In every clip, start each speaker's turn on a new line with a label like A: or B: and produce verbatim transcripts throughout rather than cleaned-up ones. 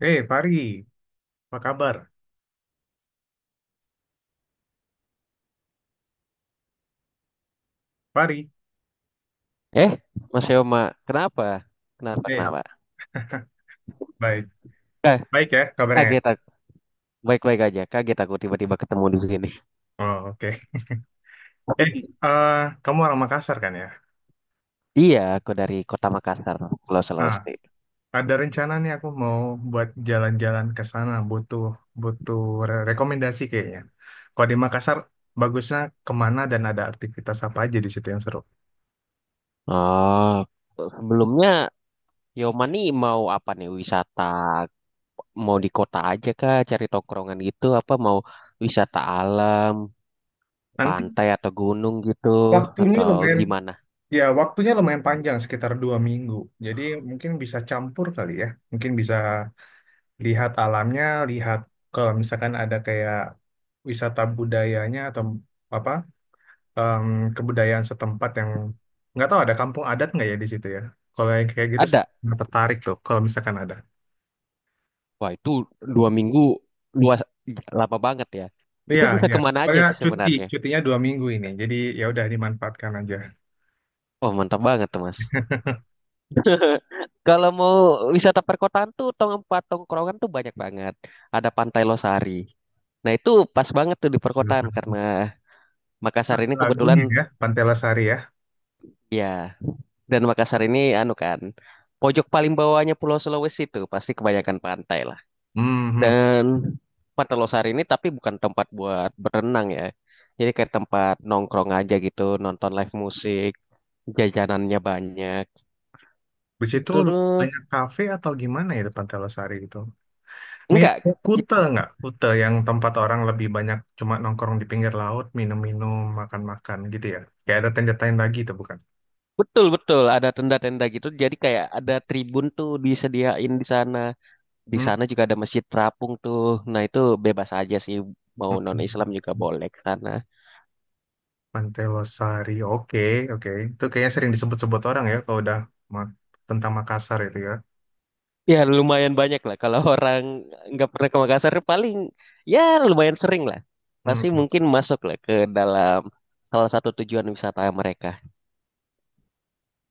A: Eh, Fari, apa kabar? Fari,
B: Eh, Mas Yoma, kenapa? Kenapa,
A: eh,
B: kenapa?
A: baik.
B: Ka-
A: Baik ya kabarnya.
B: Kaget
A: Ya?
B: aku. Baik-baik aja. Kaget aku tiba-tiba ketemu di sini.
A: Oh, oke. Eh, eh, kamu orang Makassar kan ya?
B: Iya, aku dari Kota Makassar, Pulau
A: Ah,
B: Sulawesi.
A: ada rencana nih aku mau buat jalan-jalan ke sana, butuh butuh re- rekomendasi kayaknya. Kalau di Makassar, bagusnya kemana dan ada aktivitas apa aja di situ yang seru?
B: Oh, sebelumnya Yoma nih mau apa nih? Wisata mau di kota aja kah cari tongkrongan gitu apa mau wisata alam,
A: Nanti
B: pantai atau gunung gitu
A: waktunya
B: atau
A: lumayan,
B: gimana?
A: ya waktunya lumayan panjang, sekitar dua minggu. Jadi mungkin bisa campur kali ya, mungkin bisa lihat alamnya, lihat kalau misalkan ada kayak wisata budayanya atau apa em, kebudayaan setempat yang nggak tahu ada kampung adat nggak ya di situ ya. Kalau yang kayak gitu saya
B: Ada.
A: nggak tertarik tuh kalau misalkan ada.
B: Wah, itu dua minggu dua lama banget ya. Itu
A: Iya,
B: bisa
A: iya.
B: kemana aja
A: Pokoknya
B: sih
A: cuti,
B: sebenarnya?
A: cutinya dua minggu ini. Jadi ya udah dimanfaatkan aja.
B: Oh, mantap banget tuh, Mas. Kalau mau wisata perkotaan tuh tempat tongkrongan tuh banyak banget. Ada Pantai Losari. Nah, itu pas banget tuh di perkotaan karena Makassar ini
A: Lagunya
B: kebetulan
A: ya, Pantai Losari ya.
B: ya dan Makassar ini anu kan pojok paling bawahnya Pulau Sulawesi tuh pasti kebanyakan pantai lah.
A: Hmm, hmm.
B: Dan Pantai Losari ini tapi bukan tempat buat berenang ya. Jadi kayak tempat nongkrong aja gitu, nonton live musik, jajanannya banyak.
A: Di situ
B: Terus
A: banyak kafe atau gimana ya di Pantai Losari itu? Mirip
B: enggak.
A: kayak Kuta nggak? Kuta yang tempat orang lebih banyak cuma nongkrong di pinggir laut, minum-minum, makan-makan gitu ya. Kayak ada tenda-tenda itu bukan?
B: Betul betul ada tenda-tenda gitu. Jadi kayak ada tribun tuh disediain di sana. Di
A: Hmm?
B: sana juga ada masjid terapung tuh. Nah itu bebas aja sih mau
A: Hmm,
B: non
A: hmm.
B: Islam juga
A: Hmm.
B: boleh ke sana.
A: Pantai Losari, oke, oke. Itu kayaknya sering disebut-sebut orang ya kalau udah ma- tentang Makassar itu ya.
B: Ya lumayan banyak lah kalau orang nggak pernah ke Makassar paling ya lumayan sering lah.
A: Hmm.
B: Pasti
A: Hmm.
B: mungkin masuk lah ke dalam salah satu tujuan wisata mereka.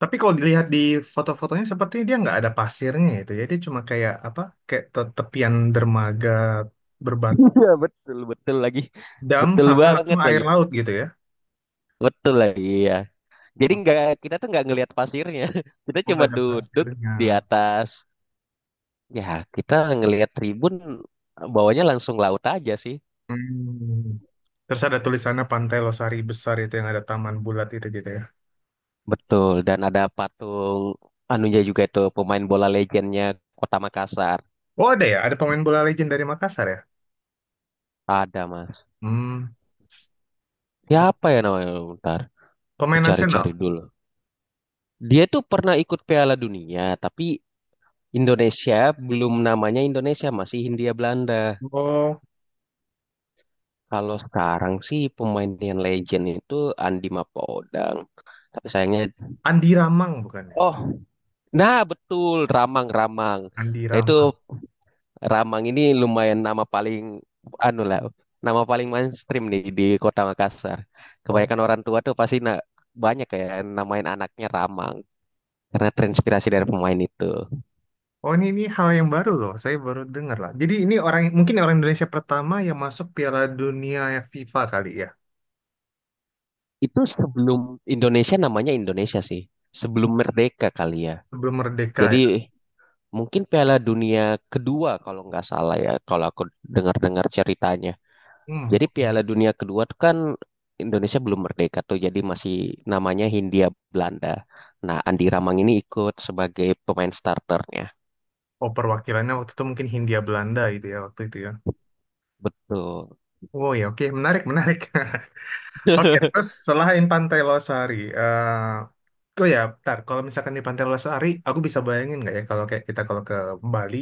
A: Tapi kalau dilihat di foto-fotonya sepertinya dia nggak ada pasirnya itu ya. Dia cuma kayak apa? Kayak te- tepian dermaga berbat
B: Iya betul betul lagi,
A: dam
B: betul
A: sama langsung
B: banget
A: air
B: lagi,
A: laut gitu ya.
B: betul lagi ya. Jadi nggak kita tuh nggak ngelihat pasirnya, kita
A: Oh,
B: cuma
A: nggak ada
B: duduk
A: pasirnya.
B: di atas. Ya, kita ngelihat tribun bawahnya langsung laut aja sih.
A: Hmm. Terus ada tulisannya Pantai Losari besar itu yang ada taman bulat itu gitu ya.
B: Betul, dan ada patung anunya juga itu pemain bola legendnya Kota Makassar.
A: Oh ada ya, ada pemain bola legend dari Makassar ya.
B: Ada, Mas.
A: Hmm.
B: Siapa ya namanya? Bentar,
A: Pemain
B: cari-cari
A: nasional.
B: dulu. Dia tuh pernah ikut Piala Dunia, tapi Indonesia belum namanya Indonesia, masih Hindia Belanda.
A: Oh,
B: Kalau sekarang sih pemain yang legend itu Andi Mapodang. Tapi sayangnya,
A: Andi Ramang bukan ya?
B: oh, nah betul, Ramang-Ramang.
A: Andi
B: Nah itu
A: Ramang.
B: Ramang ini lumayan nama paling anu lah, nama paling mainstream nih di Kota Makassar.
A: Oh,
B: Kebanyakan orang tua tuh pasti na- banyak kayak namain anaknya Ramang karena terinspirasi dari pemain itu.
A: oh ini ini hal yang baru loh. Saya baru dengar lah. Jadi ini orang mungkin orang Indonesia pertama yang masuk Piala Dunia FIFA kali ya.
B: Itu sebelum Indonesia namanya Indonesia sih, sebelum merdeka kali ya.
A: Sebelum merdeka ya.
B: Jadi mungkin Piala Dunia kedua kalau nggak salah ya, kalau aku dengar-dengar ceritanya.
A: Hmm.
B: Jadi Piala Dunia kedua tuh kan Indonesia belum merdeka tuh, jadi masih namanya Hindia Belanda. Nah, Andi Ramang ini ikut sebagai pemain starternya.
A: Oh, perwakilannya waktu itu mungkin Hindia Belanda gitu ya waktu itu ya.
B: Betul.
A: Oh ya, oke, menarik, menarik. Oke, terus selain Pantai Losari, eh oh ya, bentar. Kalau misalkan di Pantai Losari, aku bisa bayangin nggak ya kalau kayak kita kalau ke Bali,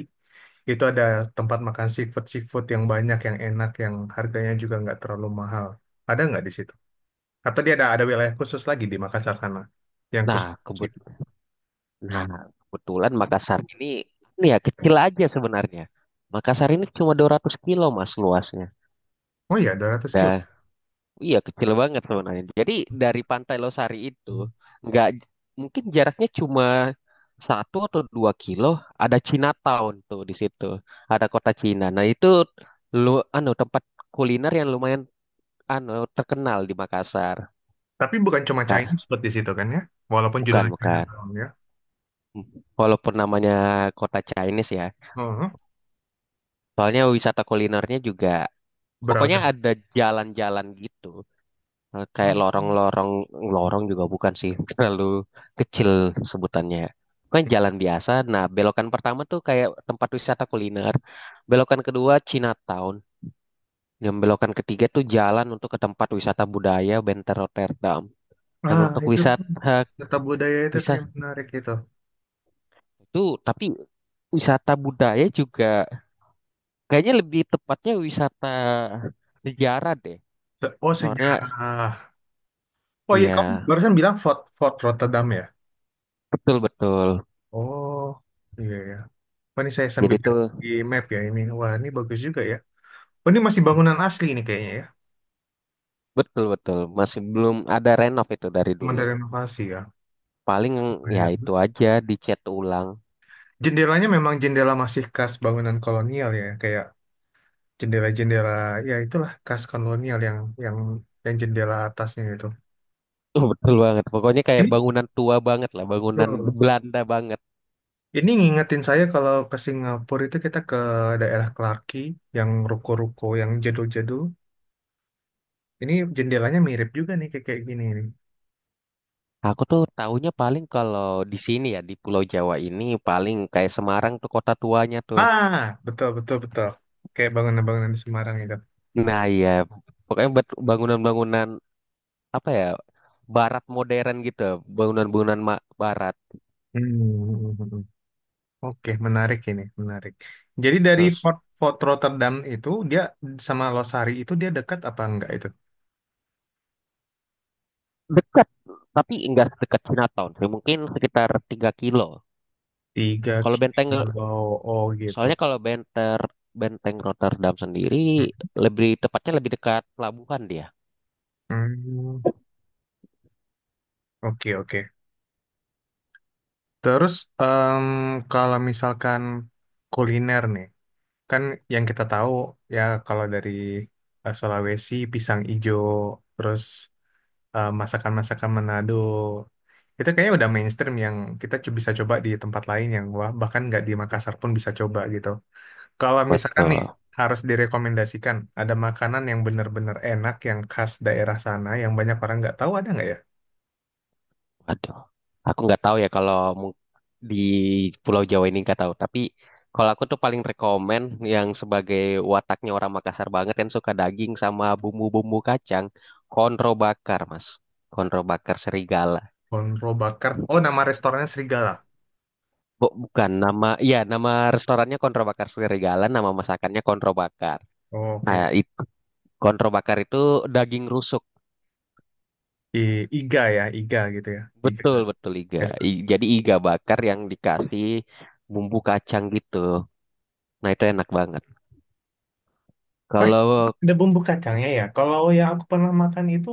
A: itu ada tempat makan seafood-seafood yang banyak, yang enak, yang harganya juga nggak terlalu mahal. Ada nggak di situ? Atau dia ada ada wilayah khusus lagi di Makassar sana yang khusus
B: Nah, kebut
A: seafood?
B: nah, kebetulan Makassar ini ini ya kecil aja sebenarnya. Makassar ini cuma dua ratus kilo Mas luasnya.
A: Oh iya, dua ratus kilo.
B: Dan iya, kecil banget sebenarnya. Jadi dari Pantai Losari itu nggak mungkin jaraknya cuma satu atau dua kilo. Ada Chinatown tuh di situ, ada kota Cina. Nah itu lu anu tempat kuliner yang lumayan anu terkenal di Makassar.
A: Tapi bukan cuma
B: Kak,
A: Chinese food di situ kan ya? Walaupun
B: bukan,
A: judulnya
B: bukan.
A: Chinatown ya.
B: Walaupun namanya kota Chinese ya,
A: Oh,
B: soalnya wisata kulinernya juga. Pokoknya
A: beragam.
B: ada jalan-jalan gitu. Eh, Kayak
A: Hmm.
B: lorong-lorong, lorong juga bukan sih, terlalu kecil sebutannya. Kan jalan biasa. Nah, belokan pertama tuh kayak tempat wisata kuliner. Belokan kedua Chinatown. Dan belokan ketiga tuh jalan untuk ke tempat wisata budaya Benteng Rotterdam. Dan
A: Ah,
B: untuk
A: itu tuh.
B: wisata
A: Tetap budaya itu tuh yang
B: wisata
A: menarik itu.
B: itu tapi wisata budaya juga kayaknya lebih tepatnya wisata sejarah deh.
A: Se- Oh
B: Soalnya
A: sejarah. Oh iya kamu
B: iya,
A: barusan bilang Fort Fort Rotterdam ya.
B: betul betul.
A: Oh iya ya. Oh, ini saya sambil
B: Jadi
A: lihat
B: tuh
A: di map ya ini. Wah ini bagus juga ya. Oh ini masih bangunan asli ini kayaknya ya.
B: betul betul masih belum ada renov itu dari
A: Cuma
B: dulu
A: dari renovasi ya.
B: paling
A: Oh,
B: ya
A: iya.
B: itu aja dicat ulang.
A: Jendelanya memang jendela masih khas bangunan kolonial ya. Kayak jendela-jendela ya itulah khas kolonial yang yang yang jendela atasnya itu.
B: Tuh betul banget pokoknya kayak
A: Ini
B: bangunan tua banget lah bangunan
A: betul.
B: Belanda banget
A: Ini ngingetin saya kalau ke Singapura itu kita ke daerah Clarke Quay yang ruko-ruko yang jadul-jadul. Ini jendelanya mirip juga nih kayak kayak gini nih.
B: aku tuh taunya paling kalau di sini ya di Pulau Jawa ini paling kayak Semarang tuh kota tuanya tuh
A: Ah, betul betul betul. Kayak bangunan-bangunan di Semarang itu.
B: nah iya pokoknya bet- bangunan-bangunan apa ya barat modern gitu bangunan-bangunan ma- barat
A: Hmm. Hmm, hmm, hmm, hmm, hmm. Oke, menarik ini, menarik. Jadi dari
B: terus
A: Fort, Fort Rotterdam itu dia sama Losari itu dia dekat apa enggak itu?
B: dekat tapi enggak sedekat Chinatown sih mungkin sekitar tiga kilo
A: Tiga
B: kalau benteng.
A: kilo, oh gitu.
B: Soalnya kalau benter, benteng Rotterdam sendiri lebih tepatnya lebih dekat pelabuhan dia.
A: Hmm. Oke oke. Terus em, kalau misalkan kuliner nih, kan yang kita tahu ya kalau dari eh, Sulawesi pisang ijo, terus eh, masakan-masakan Manado itu kayaknya udah mainstream yang kita cu- bisa coba di tempat lain yang wah bahkan nggak di Makassar pun bisa coba gitu. Kalau misalkan nih
B: Betul.
A: harus direkomendasikan ada makanan yang benar-benar enak yang khas daerah sana yang banyak orang nggak tahu ada nggak ya?
B: Waduh. Aku nggak tahu ya kalau mung- di Pulau Jawa ini nggak tahu. Tapi kalau aku tuh paling rekomen yang sebagai wataknya orang Makassar banget yang suka daging sama bumbu-bumbu kacang, konro bakar, Mas. Konro bakar serigala.
A: Konro Bakar. Oh nama restorannya Serigala.
B: Bu- bukan nama, ya nama restorannya konro bakar serigala, nama masakannya konro bakar. Nah,
A: Oke.
B: itu konro bakar itu daging rusuk.
A: I- Iga ya, Iga gitu ya. Iga.
B: Betul, betul iga.
A: Yes.
B: I- jadi iga bakar yang dikasih bumbu kacang gitu. Nah, itu enak banget.
A: Wah,
B: Kalau
A: ada bumbu kacangnya ya. Kalau yang aku pernah makan itu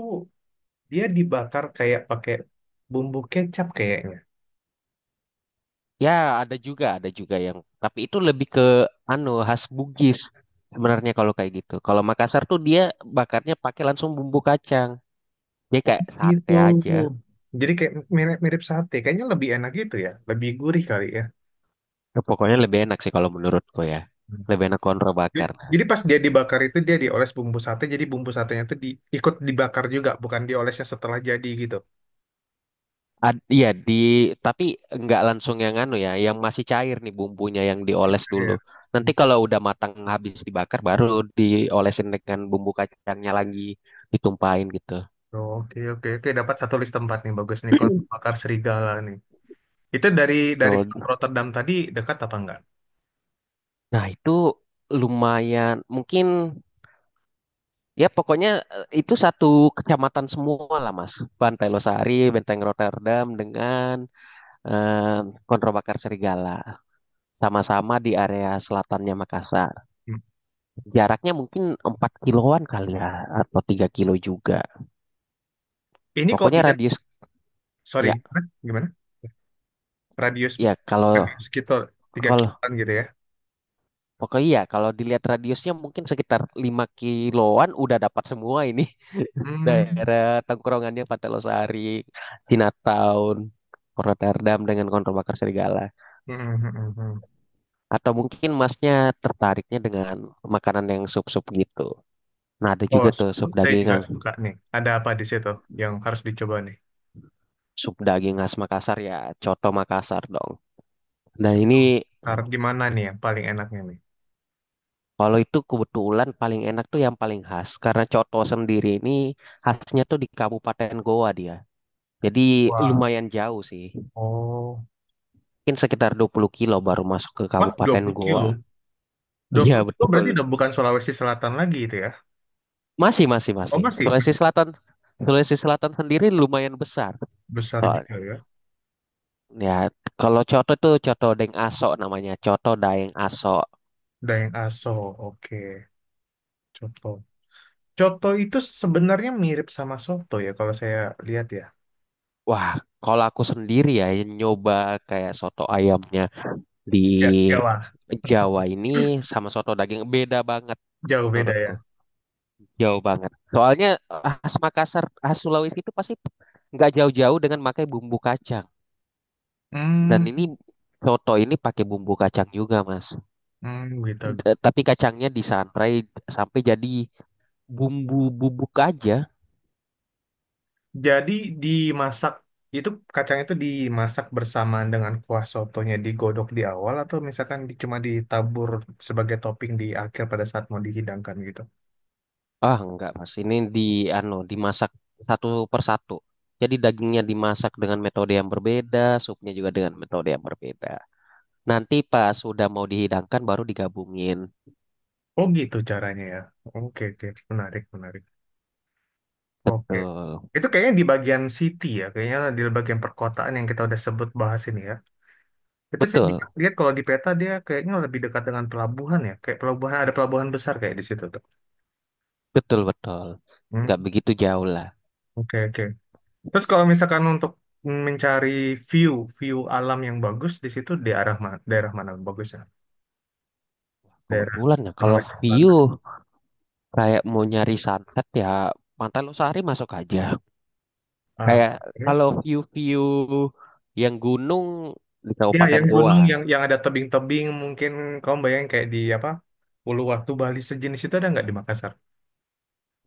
A: dia dibakar kayak pakai bumbu kecap kayaknya.
B: ya ada juga, ada juga yang tapi itu lebih ke anu khas Bugis sebenarnya kalau kayak gitu. Kalau Makassar tuh dia bakarnya pakai langsung bumbu kacang. Dia kayak sate
A: Gitu.
B: aja.
A: Jadi kayak mirip, mirip sate, kayaknya lebih enak gitu ya, lebih gurih kali ya.
B: Ya, pokoknya lebih enak sih kalau menurutku ya.
A: Hmm.
B: Lebih enak konro
A: Jadi
B: bakar.
A: jadi pas dia dibakar itu dia dioles bumbu sate, jadi bumbu satenya itu di, ikut dibakar juga, bukan diolesnya setelah jadi gitu.
B: Ad- Iya di tapi nggak langsung yang anu ya, yang masih cair nih bumbunya yang
A: Si-
B: dioles dulu.
A: Iya.
B: Nanti
A: Hmm.
B: kalau udah matang habis dibakar baru diolesin dengan bumbu kacangnya lagi ditumpahin gitu.
A: Oke oke oke dapat satu list tempat nih bagus nih kon bakar serigala nih. Itu dari dari
B: Betul.
A: Fort Rotterdam tadi dekat apa enggak?
B: Nah itu lumayan mungkin ya pokoknya eh, itu satu kecamatan semua lah Mas. Pantai Losari, Benteng Rotterdam dengan eh, Konro Bakar Serigala. Sama-sama di area selatannya Makassar.
A: Hmm.
B: Jaraknya mungkin empat kiloan kali ya atau tiga kilo juga.
A: Ini kok
B: Pokoknya
A: dia
B: radius
A: sorry
B: ya,
A: gimana? Gimana? Radius
B: ya kalau
A: radius sekitar tiga
B: kalau
A: kiloan gitu ya.
B: pokoknya ya kalau dilihat radiusnya mungkin sekitar lima kiloan udah dapat semua ini
A: Hmm.
B: daerah tongkrongannya Pantai Losari, Chinatown, Rotterdam dengan Konter Bakar Serigala.
A: Hmm, hmm, hmm, hmm.
B: Atau mungkin masnya tertariknya dengan makanan yang sup-sup gitu. Nah, ada
A: Oh,
B: juga tuh
A: susu
B: sup
A: saya
B: daging,
A: juga
B: Kang.
A: suka nih. Ada apa di situ yang harus dicoba nih?
B: Sup daging khas Makassar ya, coto Makassar dong. Nah,
A: Contoh,
B: ini
A: harus gimana nih yang paling enaknya nih?
B: kalau itu kebetulan paling enak tuh yang paling khas karena coto sendiri ini khasnya tuh di Kabupaten Goa dia. Jadi
A: Wah,
B: lumayan jauh sih.
A: oh.
B: Mungkin sekitar dua puluh kilo baru masuk ke
A: Mah, dua
B: Kabupaten
A: puluh kilo?
B: Goa.
A: Dua
B: Iya
A: puluh kilo
B: betul.
A: berarti udah bukan Sulawesi Selatan lagi itu ya?
B: Masih, masih,
A: Oh,
B: masih.
A: masih?
B: Sulawesi
A: Masih
B: Selatan Sulawesi Selatan sendiri lumayan besar
A: besar juga
B: soalnya.
A: ya?
B: Ya, kalau coto tuh coto Deng Aso namanya, coto Daeng Aso.
A: Dayeng Aso, oke. Coto. Coto itu sebenarnya mirip sama soto ya kalau saya lihat ya.
B: Wah, kalau aku sendiri ya yang nyoba kayak soto ayamnya di
A: Ya, jauh lah.
B: Jawa ini sama soto daging beda banget
A: Jauh beda
B: menurutku.
A: ya.
B: Jauh banget. Soalnya eh, khas Makassar, khas Sulawesi itu pasti nggak jauh-jauh dengan pakai bumbu kacang. Dan
A: Hmm,
B: ini soto ini pakai bumbu kacang juga, Mas.
A: hmm, gitu.
B: D- Tapi kacangnya disantai sampai jadi bumbu bubuk aja.
A: Jadi dimasak itu kacang itu dimasak bersamaan dengan kuah sotonya digodok di awal atau misalkan di- cuma ditabur sebagai topping di akhir pada saat mau dihidangkan gitu.
B: Ah, enggak, Mas. Ini di ano, dimasak satu persatu. Jadi dagingnya dimasak dengan metode yang berbeda, supnya juga dengan metode yang berbeda. Nanti pas sudah mau dihidangkan baru digabungin.
A: Oh gitu caranya ya. Oke oke menarik menarik. Oke.
B: Betul,
A: Itu kayaknya di bagian city ya, kayaknya di bagian perkotaan yang kita udah sebut bahas ini ya. Itu saya di-
B: betul,
A: lihat kalau di peta dia kayaknya lebih dekat dengan pelabuhan ya, kayak pelabuhan ada pelabuhan besar kayak di situ tuh.
B: betul, betul.
A: Hmm.
B: Nggak begitu jauh lah.
A: Oke oke. Terus kalau misalkan untuk mencari view view alam yang bagus di situ di arah mana daerah mana bagusnya? Daerah
B: Kebetulan ya kalau
A: Sulawesi Selatan.
B: view kayak mau nyari sunset ya Pantai Losari masuk aja.
A: Ah,
B: Kayak
A: oke.
B: kalau view-view yang gunung di
A: Ya,
B: Kabupaten
A: yang gunung
B: Goa.
A: yang yang ada tebing-tebing mungkin kamu bayangin kayak di apa? Uluwatu Bali sejenis itu ada nggak di Makassar?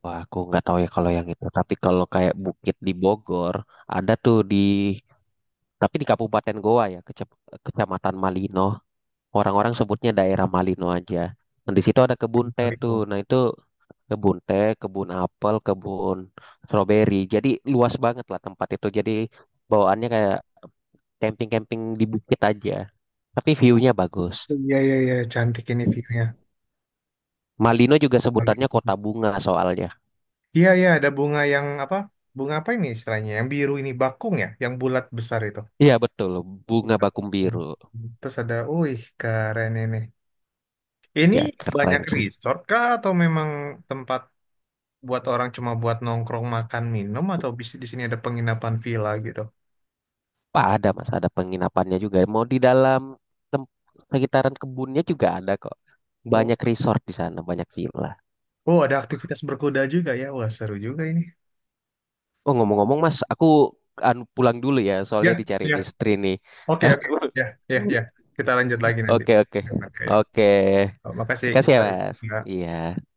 B: Wah, aku nggak tahu ya kalau yang itu. Tapi kalau kayak bukit di Bogor, ada tuh di tapi di Kabupaten Goa ya, kece- Kecamatan Malino. Orang-orang sebutnya daerah Malino aja. Nah, di situ ada kebun teh
A: Bali
B: tuh.
A: tuh.
B: Nah, itu kebun teh, kebun apel, kebun stroberi. Jadi luas banget lah tempat itu. Jadi bawaannya kayak camping-camping di bukit aja. Tapi view-nya bagus.
A: Iya iya iya cantik ini view-nya.
B: Malino juga
A: Bali
B: sebutannya
A: itu.
B: kota bunga soalnya.
A: Iya iya ada bunga yang apa? Bunga apa ini istilahnya? Yang biru ini bakung ya, yang bulat besar itu.
B: Iya betul, bunga
A: Bunga
B: Bakum
A: bakung.
B: Biru.
A: Terus ada, wih keren ini. Ini
B: Ya
A: banyak
B: keren sih.
A: resort kah atau memang tempat buat orang cuma buat nongkrong makan minum atau bis- di sini ada penginapan villa gitu?
B: Wah, ada mas, ada penginapannya juga. Mau di dalam tem- sekitaran kebunnya juga ada kok.
A: Oh,
B: Banyak resort di sana, banyak villa.
A: oh ada aktivitas berkuda juga ya. Wah, seru juga ini.
B: Oh ngomong-ngomong Mas, aku anu, pulang dulu ya,
A: Ya,
B: soalnya dicariin
A: ya.
B: istri nih.
A: Oke, oke. Ya, ya, ya. Kita lanjut lagi nanti.
B: Oke, oke,
A: Ya, Pak. Ya. Ya.
B: oke.
A: Oh, makasih.
B: Makasih ya
A: Givari.
B: Mas.
A: Ya.
B: Iya.